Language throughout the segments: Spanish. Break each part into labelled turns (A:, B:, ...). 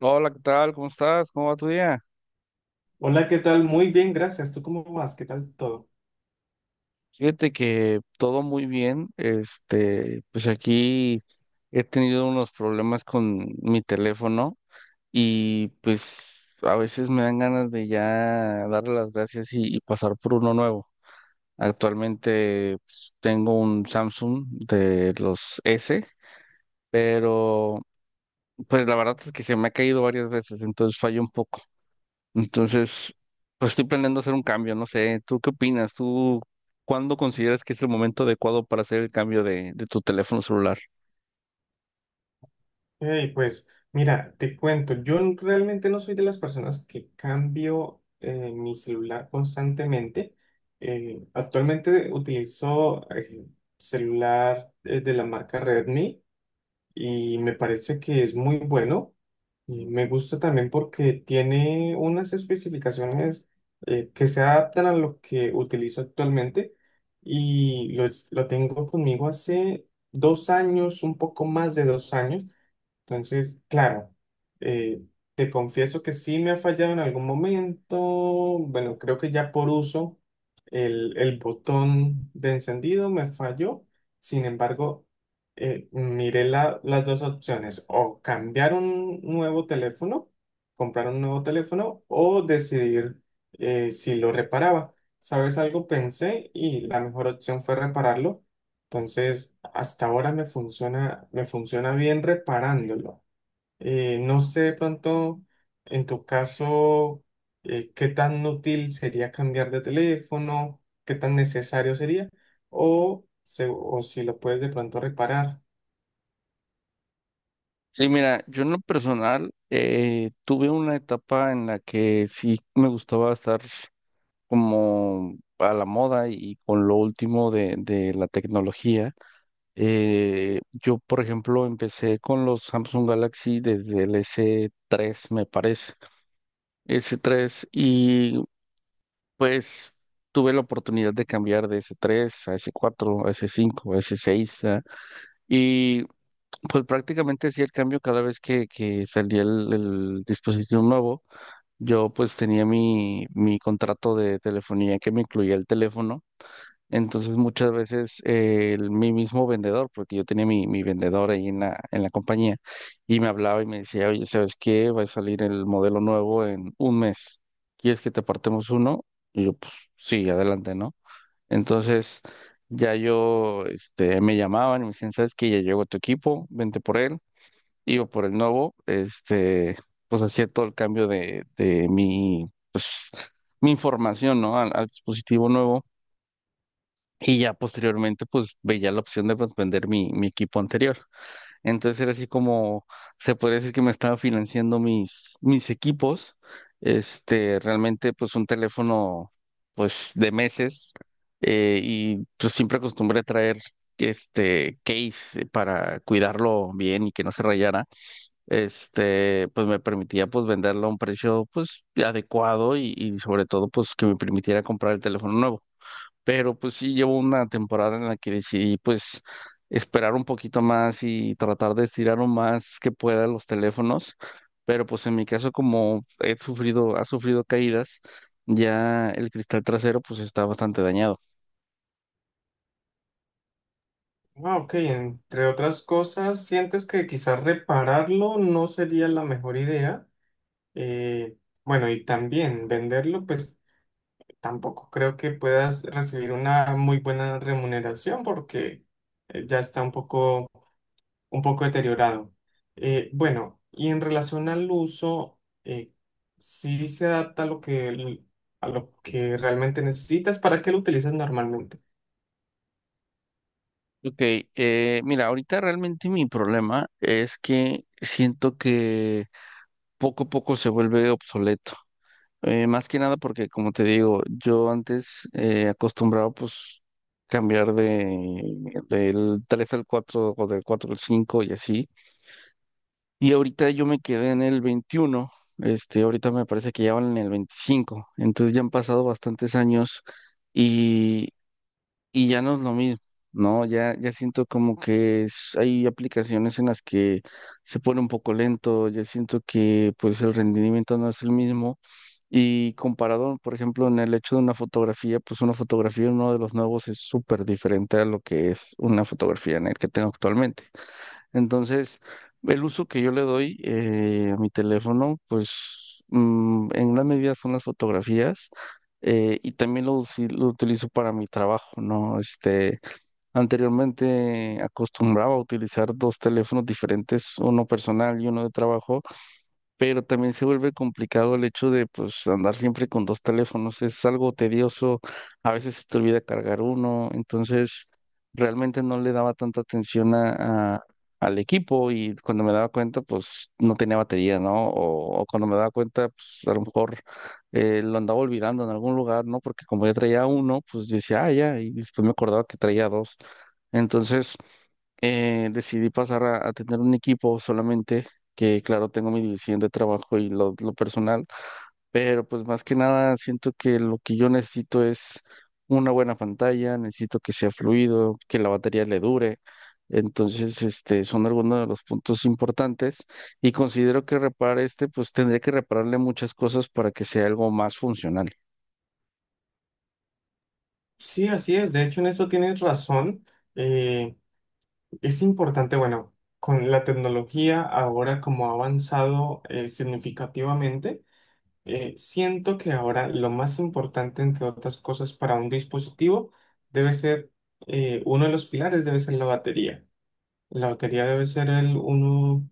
A: Hola, ¿qué tal? ¿Cómo estás? ¿Cómo va tu día?
B: Hola, ¿qué tal? Muy bien, gracias. ¿Tú cómo vas? ¿Qué tal todo?
A: Fíjate que todo muy bien. Pues aquí he tenido unos problemas con mi teléfono, y pues a veces me dan ganas de ya darle las gracias y pasar por uno nuevo. Actualmente pues, tengo un Samsung de los S, pero pues la verdad es que se me ha caído varias veces, entonces fallo un poco. Entonces, pues estoy planeando hacer un cambio, no sé, ¿tú qué opinas? ¿Tú cuándo consideras que es el momento adecuado para hacer el cambio de tu teléfono celular?
B: Hey, pues mira, te cuento, realmente no soy de las personas que cambio mi celular constantemente. Actualmente utilizo celular de la marca Redmi. Y me parece que es muy bueno. Y me gusta también porque tiene unas especificaciones que se adaptan a lo que utilizo actualmente y lo tengo conmigo hace dos años, un poco más de dos años. Entonces, claro, eh, te confieso que sí me ha fallado en algún momento. Bueno, creo que ya por uso el botón de encendido me falló. Sin embargo, las dos opciones, o cambiar un nuevo teléfono, comprar un nuevo teléfono, o decidir si lo reparaba. ¿Sabes algo? Pensé y la mejor opción fue repararlo. Entonces, hasta ahora me funciona bien reparándolo. No sé, de pronto, en tu caso, qué tan útil sería cambiar de teléfono, qué tan necesario sería, o si lo puedes de pronto reparar.
A: Sí, mira, yo en lo personal tuve una etapa en la que sí me gustaba estar como a la moda y con lo último de la tecnología. Yo, por ejemplo, empecé con los Samsung Galaxy desde el S3, me parece. S3. Pues tuve la oportunidad de cambiar de s tres a s cuatro a s cinco a s seis y pues prácticamente hacía el cambio cada vez que salía el dispositivo nuevo. Yo pues tenía mi contrato de telefonía que me incluía el teléfono, entonces muchas veces mi mismo vendedor, porque yo tenía mi vendedor ahí en en la compañía, y me hablaba y me decía, oye, ¿sabes qué? Va a salir el modelo nuevo en un mes. ¿Quieres que te apartemos uno? Y yo, pues sí, adelante, ¿no? Entonces ya yo, me llamaban y me decían, ¿sabes qué? Ya llegó tu equipo, vente por él, iba por el nuevo, pues hacía todo el cambio de mi información, ¿no? Al dispositivo nuevo, y ya posteriormente, pues veía la opción de pues, vender mi equipo anterior. Entonces era así como, se puede decir que me estaba financiando mis equipos. Realmente, pues un teléfono, pues de meses. Y pues siempre acostumbré a traer case, para cuidarlo bien y que no se rayara. Pues me permitía pues venderlo a un precio pues adecuado, y sobre todo pues que me permitiera comprar el teléfono nuevo. Pero pues sí, llevo una temporada en la que decidí pues esperar un poquito más y tratar de estirar lo más que pueda los teléfonos. Pero pues en mi caso, como ha sufrido caídas, ya el cristal trasero pues está bastante dañado.
B: Ah, ok, entre otras cosas, sientes que quizás repararlo no sería la mejor idea. Eh, bueno, y también venderlo, pues tampoco creo que puedas recibir una muy buena remuneración porque ya está un poco deteriorado. Bueno, y en relación al uso, eh, sí se adapta a a lo que realmente necesitas, ¿para qué lo utilizas normalmente?
A: Ok, mira, ahorita realmente mi problema es que siento que poco a poco se vuelve obsoleto. Más que nada porque, como te digo, yo antes acostumbraba pues cambiar de del 3 al 4 o del 4 al 5 y así. Y ahorita yo me quedé en el veintiuno, ahorita me parece que ya van en el veinticinco, entonces ya han pasado bastantes años y, y ya no es lo mismo, ¿no? Ya, ya siento como que hay aplicaciones en las que se pone un poco lento, ya siento que pues el rendimiento no es el mismo. Y comparado, por ejemplo, en el hecho de una fotografía, pues una fotografía en uno de los nuevos es súper diferente a lo que es una fotografía en el que tengo actualmente. Entonces, el uso que yo le doy a mi teléfono, pues en gran medida son las fotografías, y también lo utilizo para mi trabajo, ¿no? Anteriormente acostumbraba a utilizar dos teléfonos diferentes, uno personal y uno de trabajo, pero también se vuelve complicado el hecho de pues andar siempre con dos teléfonos, es algo tedioso, a veces se te olvida cargar uno, entonces realmente no le daba tanta atención al equipo, y cuando me daba cuenta pues no tenía batería, ¿no? O cuando me daba cuenta pues a lo mejor lo andaba olvidando en algún lugar, ¿no? Porque como ya traía uno, pues yo decía, ah, ya, y después me acordaba que traía dos. Entonces decidí pasar a tener un equipo solamente, que claro, tengo mi división de trabajo y lo personal, pero pues más que nada siento que lo que yo necesito es una buena pantalla, necesito que sea fluido, que la batería le dure. Entonces, son algunos de los puntos importantes, y considero que repare pues tendría que repararle muchas cosas para que sea algo más funcional.
B: Sí, así es, de hecho en eso tienes razón. Eh, es importante, bueno, con la tecnología ahora como ha avanzado significativamente, siento que ahora lo más importante, entre otras cosas, para un dispositivo debe ser, uno de los pilares debe ser la batería. La lotería debe ser el uno,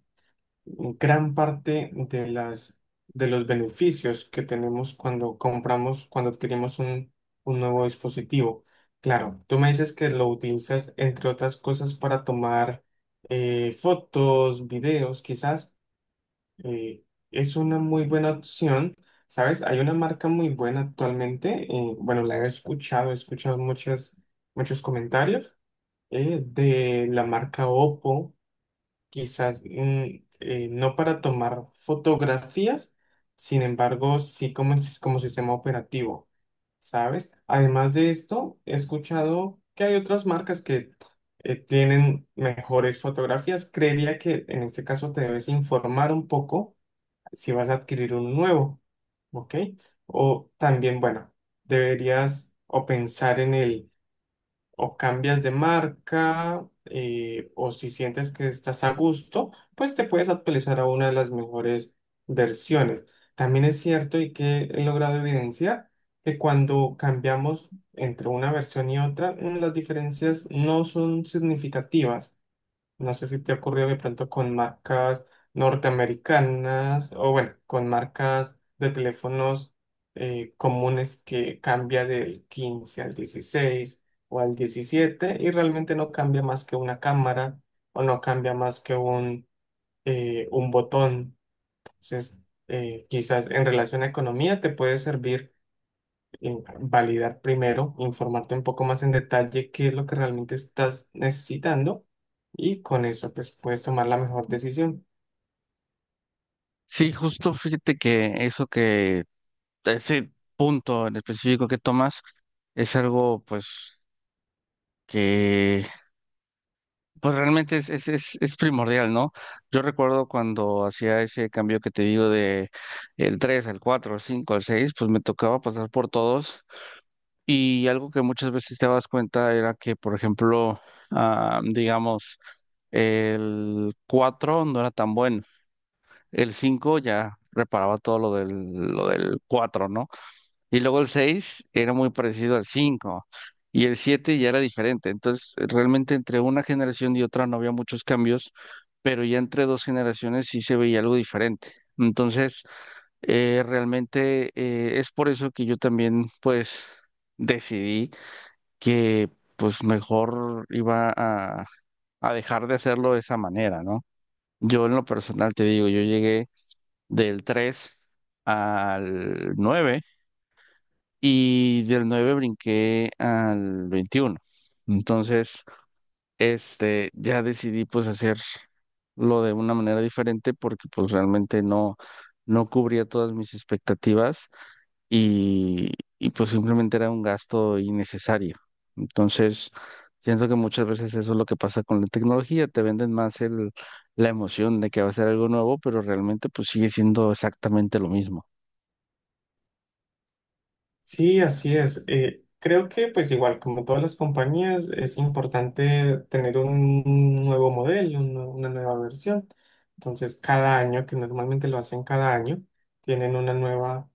B: gran parte de de los beneficios que tenemos cuando compramos, cuando adquirimos un nuevo dispositivo. Claro, tú me dices que lo utilizas, entre otras cosas, para tomar fotos, videos, quizás. eh, es una muy buena opción. ¿Sabes? Hay una marca muy buena actualmente. Bueno, la he escuchado muchos comentarios de la marca Oppo, quizás no para tomar fotografías. Sin embargo, sí como, como sistema operativo, ¿sabes? Además de esto, he escuchado que hay otras marcas que tienen mejores fotografías. Creería que en este caso te debes informar un poco si vas a adquirir uno nuevo, ¿ok? O también, bueno, deberías o pensar en el o cambias de marca, o si sientes que estás a gusto, pues te puedes actualizar a una de las mejores versiones. También es cierto y que he logrado evidenciar que cuando cambiamos entre una versión y otra, las diferencias no son significativas. No sé si te ha ocurrido de pronto con marcas norteamericanas o bueno, con marcas de teléfonos comunes que cambia del 15 al 16 o al 17 y realmente no cambia más que una cámara o no cambia más que un botón. Entonces, quizás en relación a economía te puede servir validar primero, informarte un poco más en detalle qué es lo que realmente estás necesitando y con eso pues puedes tomar la mejor decisión.
A: Sí, justo fíjate que ese punto en específico que tomas es algo, pues, que pues realmente es primordial, ¿no? Yo recuerdo cuando hacía ese cambio que te digo de el 3 al 4 al 5 al seis, pues me tocaba pasar por todos, y algo que muchas veces te das cuenta era que, por ejemplo, ah, digamos, el 4 no era tan bueno, el 5 ya reparaba todo lo del cuatro, ¿no? Y luego el 6 era muy parecido al cinco, y el 7 ya era diferente. Entonces, realmente entre una generación y otra no había muchos cambios, pero ya entre dos generaciones sí se veía algo diferente. Entonces, realmente es por eso que yo también, pues, decidí que, pues, mejor iba a dejar de hacerlo de esa manera, ¿no? Yo en lo personal te digo, yo llegué del 3 al nueve, y del 9 brinqué al veintiuno. Entonces, ya decidí pues hacer lo de una manera diferente, porque pues realmente no cubría todas mis expectativas, y, y pues simplemente era un gasto innecesario. Entonces, siento que muchas veces eso es lo que pasa con la tecnología, te venden más la emoción de que va a ser algo nuevo, pero realmente pues sigue siendo exactamente lo mismo.
B: Sí, así es. Creo que pues igual como todas las compañías es importante tener un nuevo modelo, una nueva versión. Entonces cada año, que normalmente lo hacen cada año, tienen una nueva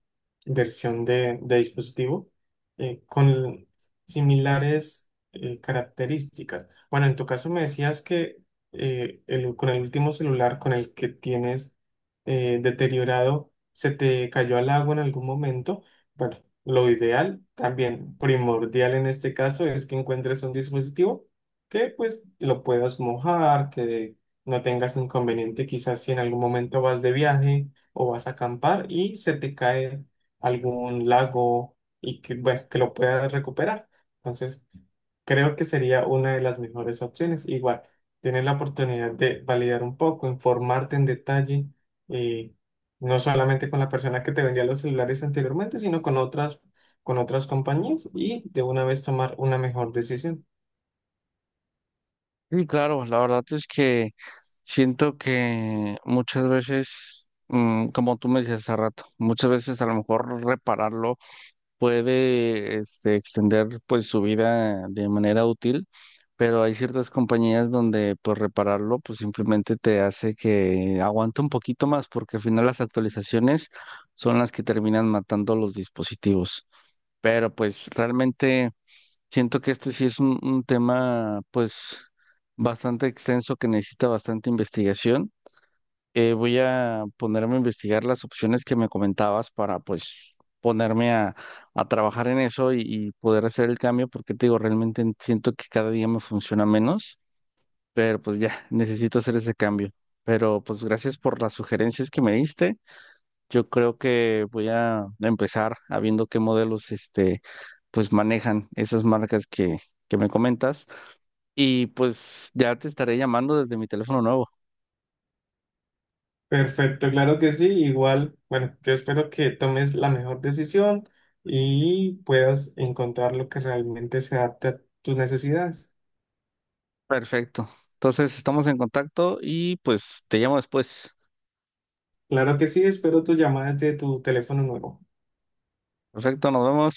B: versión de dispositivo con similares características. Bueno, en tu caso me decías que con el último celular con el que tienes deteriorado se te cayó al agua en algún momento. Bueno, lo ideal, también primordial en este caso, es que encuentres un dispositivo que pues lo puedas mojar, que no tengas inconveniente quizás si en algún momento vas de viaje o vas a acampar y se te cae algún lago y que, bueno, que lo puedas recuperar. Entonces, creo que sería una de las mejores opciones. Igual, tienes la oportunidad de validar un poco, informarte en detalle. eh, no solamente con la persona que te vendía los celulares anteriormente, sino con otras compañías y de una vez tomar una mejor decisión.
A: Sí, claro, la verdad es que siento que muchas veces, como tú me decías hace rato, muchas veces a lo mejor repararlo puede, extender pues su vida de manera útil, pero hay ciertas compañías donde pues repararlo pues simplemente te hace que aguante un poquito más, porque al final las actualizaciones son las que terminan matando los dispositivos. Pero pues realmente siento que este sí es un tema pues bastante extenso que necesita bastante investigación. Voy a ponerme a investigar las opciones que me comentabas, para pues ponerme a trabajar en eso y poder hacer el cambio, porque te digo, realmente siento que cada día me funciona menos, pero pues ya, necesito hacer ese cambio. Pero pues gracias por las sugerencias que me diste. Yo creo que voy a empezar a viendo qué modelos pues manejan esas marcas que me comentas, y pues ya te estaré llamando desde mi teléfono nuevo.
B: Perfecto, claro que sí. Igual, bueno, yo espero que tomes la mejor decisión y puedas encontrar lo que realmente se adapte a tus necesidades.
A: Perfecto. Entonces estamos en contacto y pues te llamo después.
B: Claro que sí, espero tus llamadas de tu teléfono nuevo.
A: Perfecto, nos vemos.